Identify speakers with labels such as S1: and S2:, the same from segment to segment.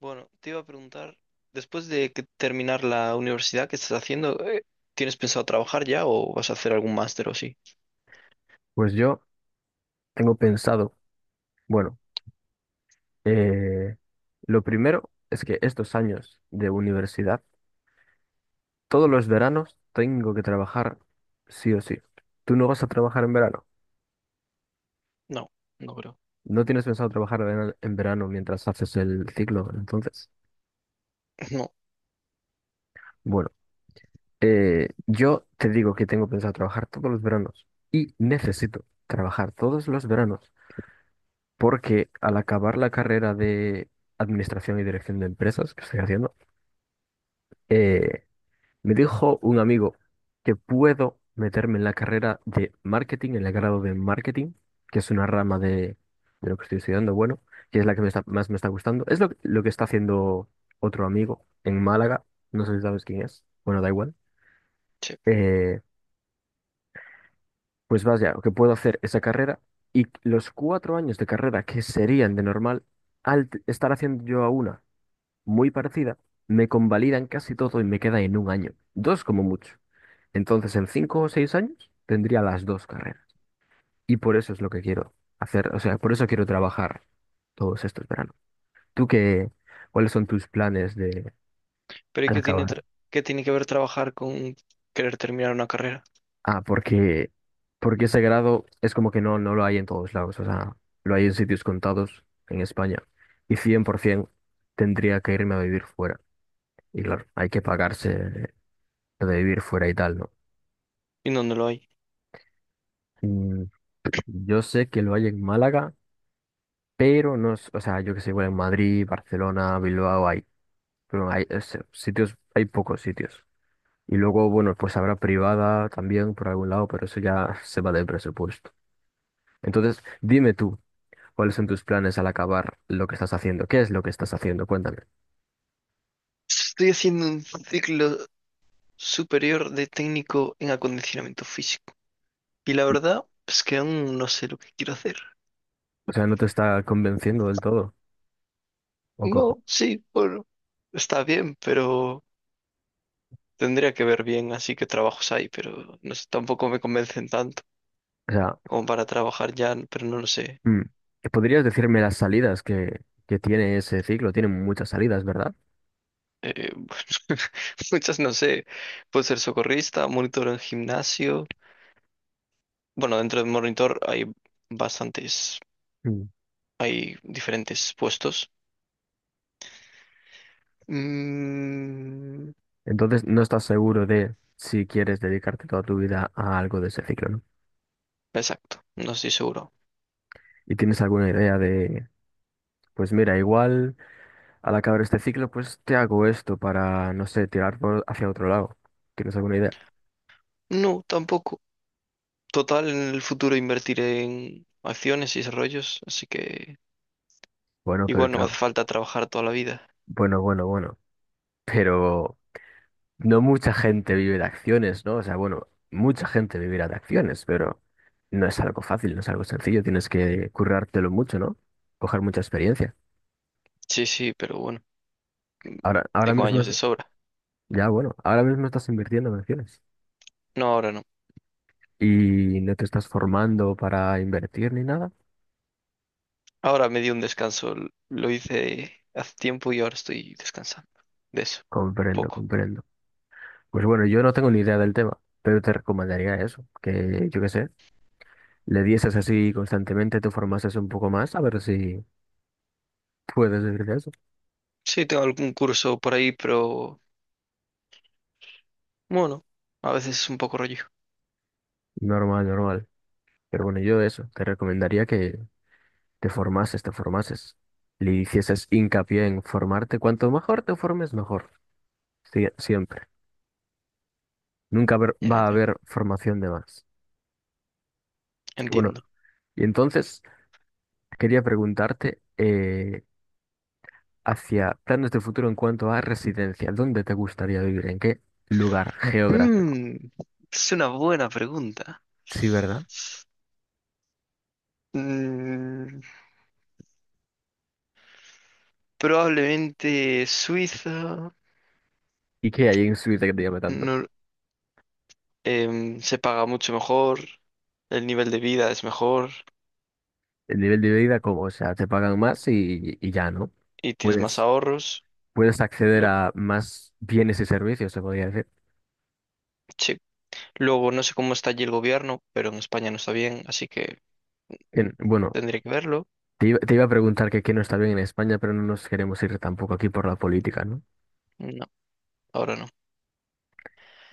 S1: Bueno, te iba a preguntar, después de que terminar la universidad ¿qué estás haciendo? ¿Tienes pensado trabajar ya o vas a hacer algún máster o sí?
S2: Pues yo tengo pensado, bueno, eh, lo primero es que estos años de universidad, todos los veranos tengo que trabajar sí o sí. Tú no vas a trabajar en verano.
S1: No, no creo.
S2: No tienes pensado trabajar en verano mientras haces el ciclo, entonces.
S1: No,
S2: Bueno, yo te digo que tengo pensado trabajar todos los veranos y necesito trabajar todos los veranos porque al acabar la carrera de Administración y Dirección de Empresas que estoy haciendo, eh, me dijo un amigo que puedo meterme en la carrera de marketing, en el grado de marketing, que es una rama de lo que estoy estudiando, bueno, que es la que más me está gustando. Es lo que está haciendo otro amigo en Málaga, no sé si sabes quién es, bueno, da igual.
S1: sí.
S2: Eh, pues vaya, que puedo hacer esa carrera y los 4 años de carrera que serían de normal, estar haciendo yo a una muy parecida, me convalidan casi todo y me queda en un año, dos como mucho. Entonces, en 5 o 6 años tendría las dos carreras. Y por eso es lo que quiero hacer, o sea, por eso quiero trabajar todos estos veranos. ¿Tú qué, cuáles son tus planes de
S1: Pero ¿y
S2: al acabar?
S1: qué tiene que ver trabajar con querer terminar una carrera?
S2: Ah, porque ese grado es como que no, no lo hay en todos lados, o sea, lo hay en sitios contados en España. Y 100% tendría que irme a vivir fuera. Y claro, hay que pagarse lo de vivir fuera y tal, ¿no?
S1: ¿Y dónde lo hay?
S2: Mm, yo sé que lo hay en Málaga, pero no, o sea, yo que sé, igual en Madrid, Barcelona, Bilbao hay, pero hay sitios, hay pocos sitios. Y luego, bueno, pues habrá privada también por algún lado, pero eso ya se va del presupuesto. Entonces, dime tú, ¿cuáles son tus planes al acabar lo que estás haciendo? ¿Qué es lo que estás haciendo? Cuéntame.
S1: Estoy haciendo un ciclo superior de técnico en acondicionamiento físico. Y la
S2: Y-
S1: verdad es que aún no sé lo que quiero hacer.
S2: O sea, ¿no te está convenciendo del todo? ¿O cómo?
S1: No, sí, bueno, está bien, pero. Tendría que ver bien así que trabajos hay, pero no sé, tampoco me convencen tanto
S2: O sea,
S1: como para trabajar ya, pero no lo sé.
S2: mm, ¿podrías decirme las salidas que tiene ese ciclo? Tiene muchas salidas, ¿verdad?
S1: Eh, Muchas no sé. Puede ser socorrista, monitor en gimnasio. Bueno, dentro de monitor hay bastantes, hay diferentes puestos. Mm,
S2: Entonces no estás seguro de si quieres dedicarte toda tu vida a algo de ese ciclo, ¿no?
S1: exacto, no estoy seguro.
S2: Y tienes alguna idea de, pues mira, igual al acabar este ciclo, pues te hago esto para, no sé, tirar por hacia otro lado. ¿Tienes alguna idea?
S1: No, tampoco. Total, en el futuro invertiré en acciones y desarrollos, así que
S2: Bueno, pero
S1: igual no me hace falta trabajar toda la vida.
S2: bueno, bueno, bueno. Pero no mucha gente vive de acciones, ¿no? O sea, bueno, mucha gente vivirá de acciones, pero no es algo fácil, no es algo sencillo. Tienes que currártelo mucho, ¿no? Coger mucha experiencia.
S1: Sí, sí, pero bueno.
S2: Ahora, ahora
S1: Tengo
S2: mismo,
S1: años de sobra.
S2: ya bueno, ahora mismo estás invirtiendo en acciones.
S1: No, ahora no.
S2: Y no te estás formando para invertir ni nada.
S1: Ahora me di un descanso. Lo hice hace tiempo y ahora estoy descansando de eso, un
S2: Comprendo,
S1: poco.
S2: comprendo. Pues bueno, yo no tengo ni idea del tema, pero te recomendaría eso, que yo qué sé, le dieses así constantemente, te formases un poco más, a ver si puedes vivir de eso.
S1: Sí, tengo algún curso por ahí, pero bueno, a veces es un poco rollo.
S2: Normal, normal. Pero bueno, yo eso, te recomendaría que te formases, te formases. Le hicieses hincapié en formarte. Cuanto mejor te formes, mejor. Siempre. Nunca
S1: Ya,
S2: va a
S1: ya,
S2: haber formación de más. Bueno,
S1: entiendo.
S2: y entonces quería preguntarte, hacia planes de futuro en cuanto a residencia. ¿Dónde te gustaría vivir? ¿En qué lugar geográfico?
S1: Mm, es una buena pregunta.
S2: Sí, ¿verdad?
S1: Mm, Probablemente Suiza.
S2: ¿Y qué hay en Suiza que te llame tanto?
S1: no- Se paga mucho mejor, el nivel de vida es mejor
S2: El nivel de vida, ¿cómo? O sea, te pagan más y ya, ¿no?
S1: y tienes más
S2: Puedes,
S1: ahorros.
S2: puedes acceder
S1: Lo,
S2: a más bienes y servicios, se podría decir.
S1: sí, luego no sé cómo está allí el gobierno, pero en España no está bien, así que
S2: Bien, bueno,
S1: tendría que verlo.
S2: te iba a preguntar que qué no está bien en España, pero no nos queremos ir tampoco aquí por la política, ¿no?
S1: No, ahora no.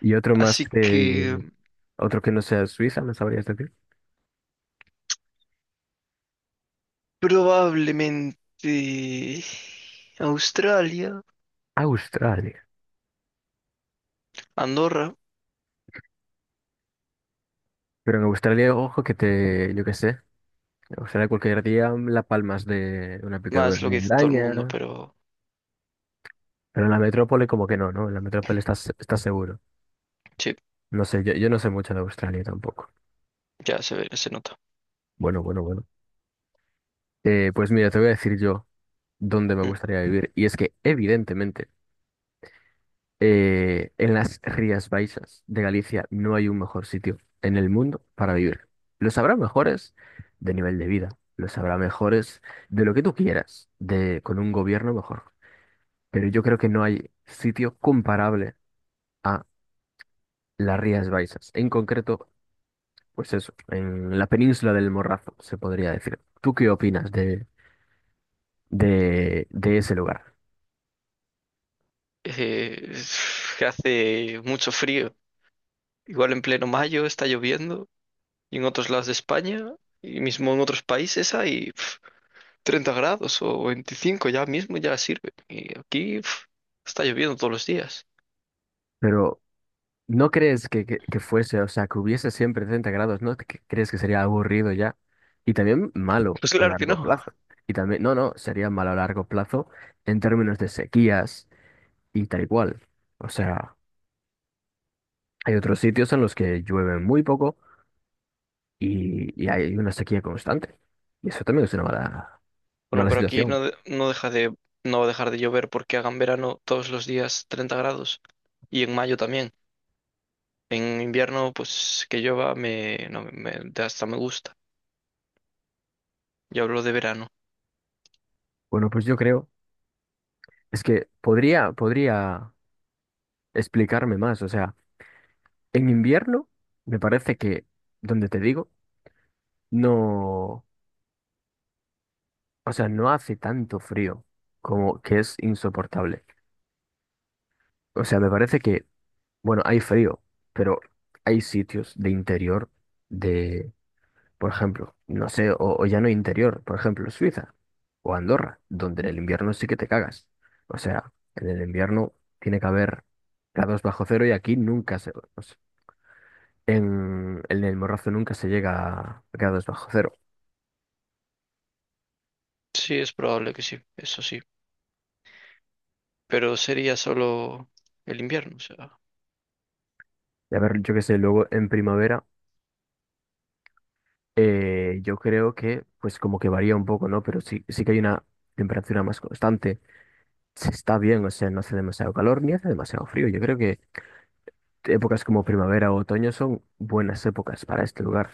S2: Y
S1: Así que
S2: otro que no sea Suiza, ¿me sabrías decir?
S1: probablemente Australia,
S2: Australia.
S1: Andorra,
S2: Pero en Australia, ojo que te, yo qué sé. O sea, cualquier día las palmas de una picadura
S1: más lo que
S2: de
S1: dice todo el mundo,
S2: araña.
S1: pero
S2: Pero en la metrópole como que no, ¿no? En la metrópole estás seguro.
S1: sí,
S2: No sé, yo no sé mucho de Australia tampoco.
S1: ya se ve, se nota.
S2: Bueno, bueno, bueno. Pues mira, te voy a decir yo dónde me
S1: Mm.
S2: gustaría vivir. Y es que, evidentemente, en las Rías Baixas de Galicia no hay un mejor sitio en el mundo para vivir. Los habrá mejores de nivel de vida. Los habrá mejores de lo que tú quieras, de, con un gobierno mejor. Pero yo creo que no hay sitio comparable a las Rías Baixas. En concreto, pues eso, en la península del Morrazo, se podría decir. ¿Tú qué opinas de ese lugar?
S1: Eh, que hace mucho frío. Igual en pleno mayo está lloviendo y en otros lados de España y mismo en otros países hay. 30 grados o 25 ya mismo ya sirve. Y aquí uf, está lloviendo todos los días.
S2: Pero, ¿no crees que fuese, o sea, que hubiese siempre 30 grados, ¿no? ¿Que crees que sería aburrido ya? Y también malo
S1: Pues
S2: a
S1: claro que
S2: largo
S1: no.
S2: plazo. Y también, no, no, sería malo a largo plazo en términos de sequías y tal y cual. O sea, hay otros sitios en los que llueve muy poco y hay una sequía constante. Y eso también es una mala,
S1: Bueno,
S2: mala
S1: pero aquí no,
S2: situación.
S1: no deja de, no va a dejar de llover porque hagan verano todos los días 30 grados y en mayo también. En invierno, pues que llueva me, no, me, hasta me gusta. Yo hablo de verano.
S2: Bueno, pues yo creo, es que podría explicarme más. O sea, en invierno me parece que, donde te digo, no, o sea, no hace tanto frío como que es insoportable. O sea, me parece que, bueno, hay frío, pero hay sitios de interior. Por ejemplo, no sé, o ya no interior, por ejemplo, Suiza o Andorra, donde en el invierno sí que te cagas. O sea, en el invierno tiene que haber grados bajo cero y aquí nunca se... o sea, en el Morrazo nunca se llega a grados bajo cero.
S1: Sí, es probable que sí, eso sí. Pero sería solo el invierno, o sea.
S2: Y a ver, yo qué sé, luego en primavera yo creo que pues como que varía un poco, ¿no? Pero sí, sí que hay una temperatura más constante. Se está bien, o sea, no hace demasiado calor ni hace demasiado frío. Yo creo épocas como primavera o otoño son buenas épocas para este lugar.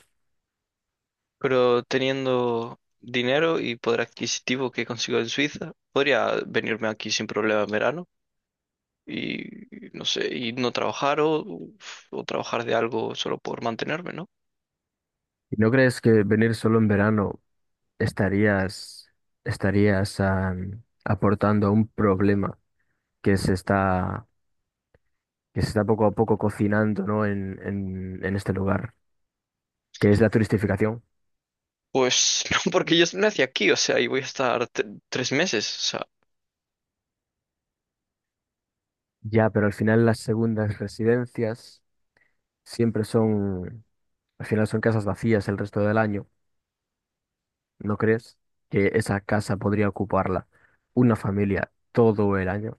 S1: Pero teniendo dinero y poder adquisitivo que consigo en Suiza, podría venirme aquí sin problema en verano y no sé, y no trabajar o, trabajar de algo solo por mantenerme, ¿no?
S2: ¿Y no crees que venir solo en verano estarías, estarías aportando a un problema que se está, que se está poco a poco cocinando, ¿no? en este lugar, que es la turistificación?
S1: Pues no, porque yo nací aquí, o sea, y voy a estar 3 meses, o sea.
S2: Ya, pero al final las segundas residencias siempre son, al final son casas vacías el resto del año. ¿No crees que esa casa podría ocuparla una familia todo el año?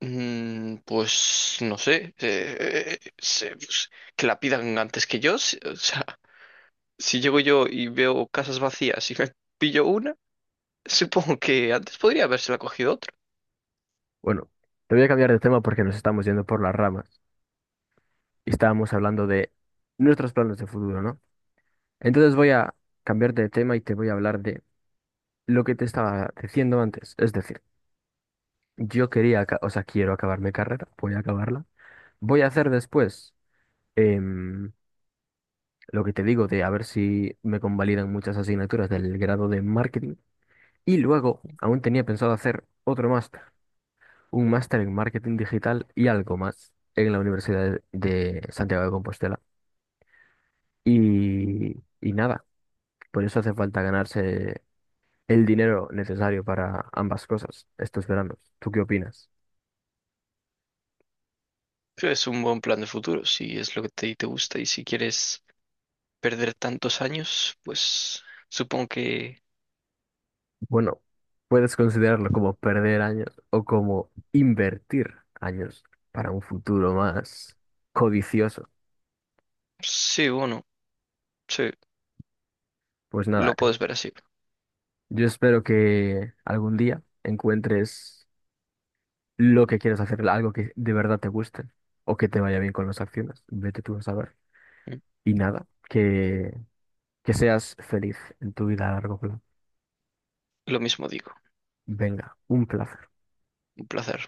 S1: Pues no sé, pues, que la pidan antes que yo, o sea, si llego yo y veo casas vacías y me pillo una, supongo que antes podría habérsela cogido otro.
S2: Bueno, te voy a cambiar de tema porque nos estamos yendo por las ramas y estábamos hablando de nuestros planes de futuro, ¿no? Entonces voy a cambiar de tema y te voy a hablar de lo que te estaba diciendo antes. Es decir, yo quería, o sea, quiero acabar mi carrera, voy a acabarla. Voy a hacer después em, lo que te digo de a ver si me convalidan muchas asignaturas del grado de marketing. Y luego, aún tenía pensado hacer otro máster, un máster en marketing digital y algo más en la Universidad de Santiago de Compostela. Y, y nada, por eso hace falta ganarse el dinero necesario para ambas cosas estos veranos. ¿Tú qué opinas?
S1: Creo que es un buen plan de futuro, si es lo que te gusta y si quieres perder tantos años, pues supongo que.
S2: Bueno, puedes considerarlo como perder años o como invertir años para un futuro más codicioso.
S1: Sí, bueno, sí,
S2: Pues
S1: lo
S2: nada,
S1: puedes ver así.
S2: yo espero que algún día encuentres lo que quieres hacer, algo que de verdad te guste o que te vaya bien con las acciones. Vete tú a saber. Y nada, que seas feliz en tu vida a largo plazo.
S1: Lo mismo digo.
S2: Venga, un placer.
S1: Un placer.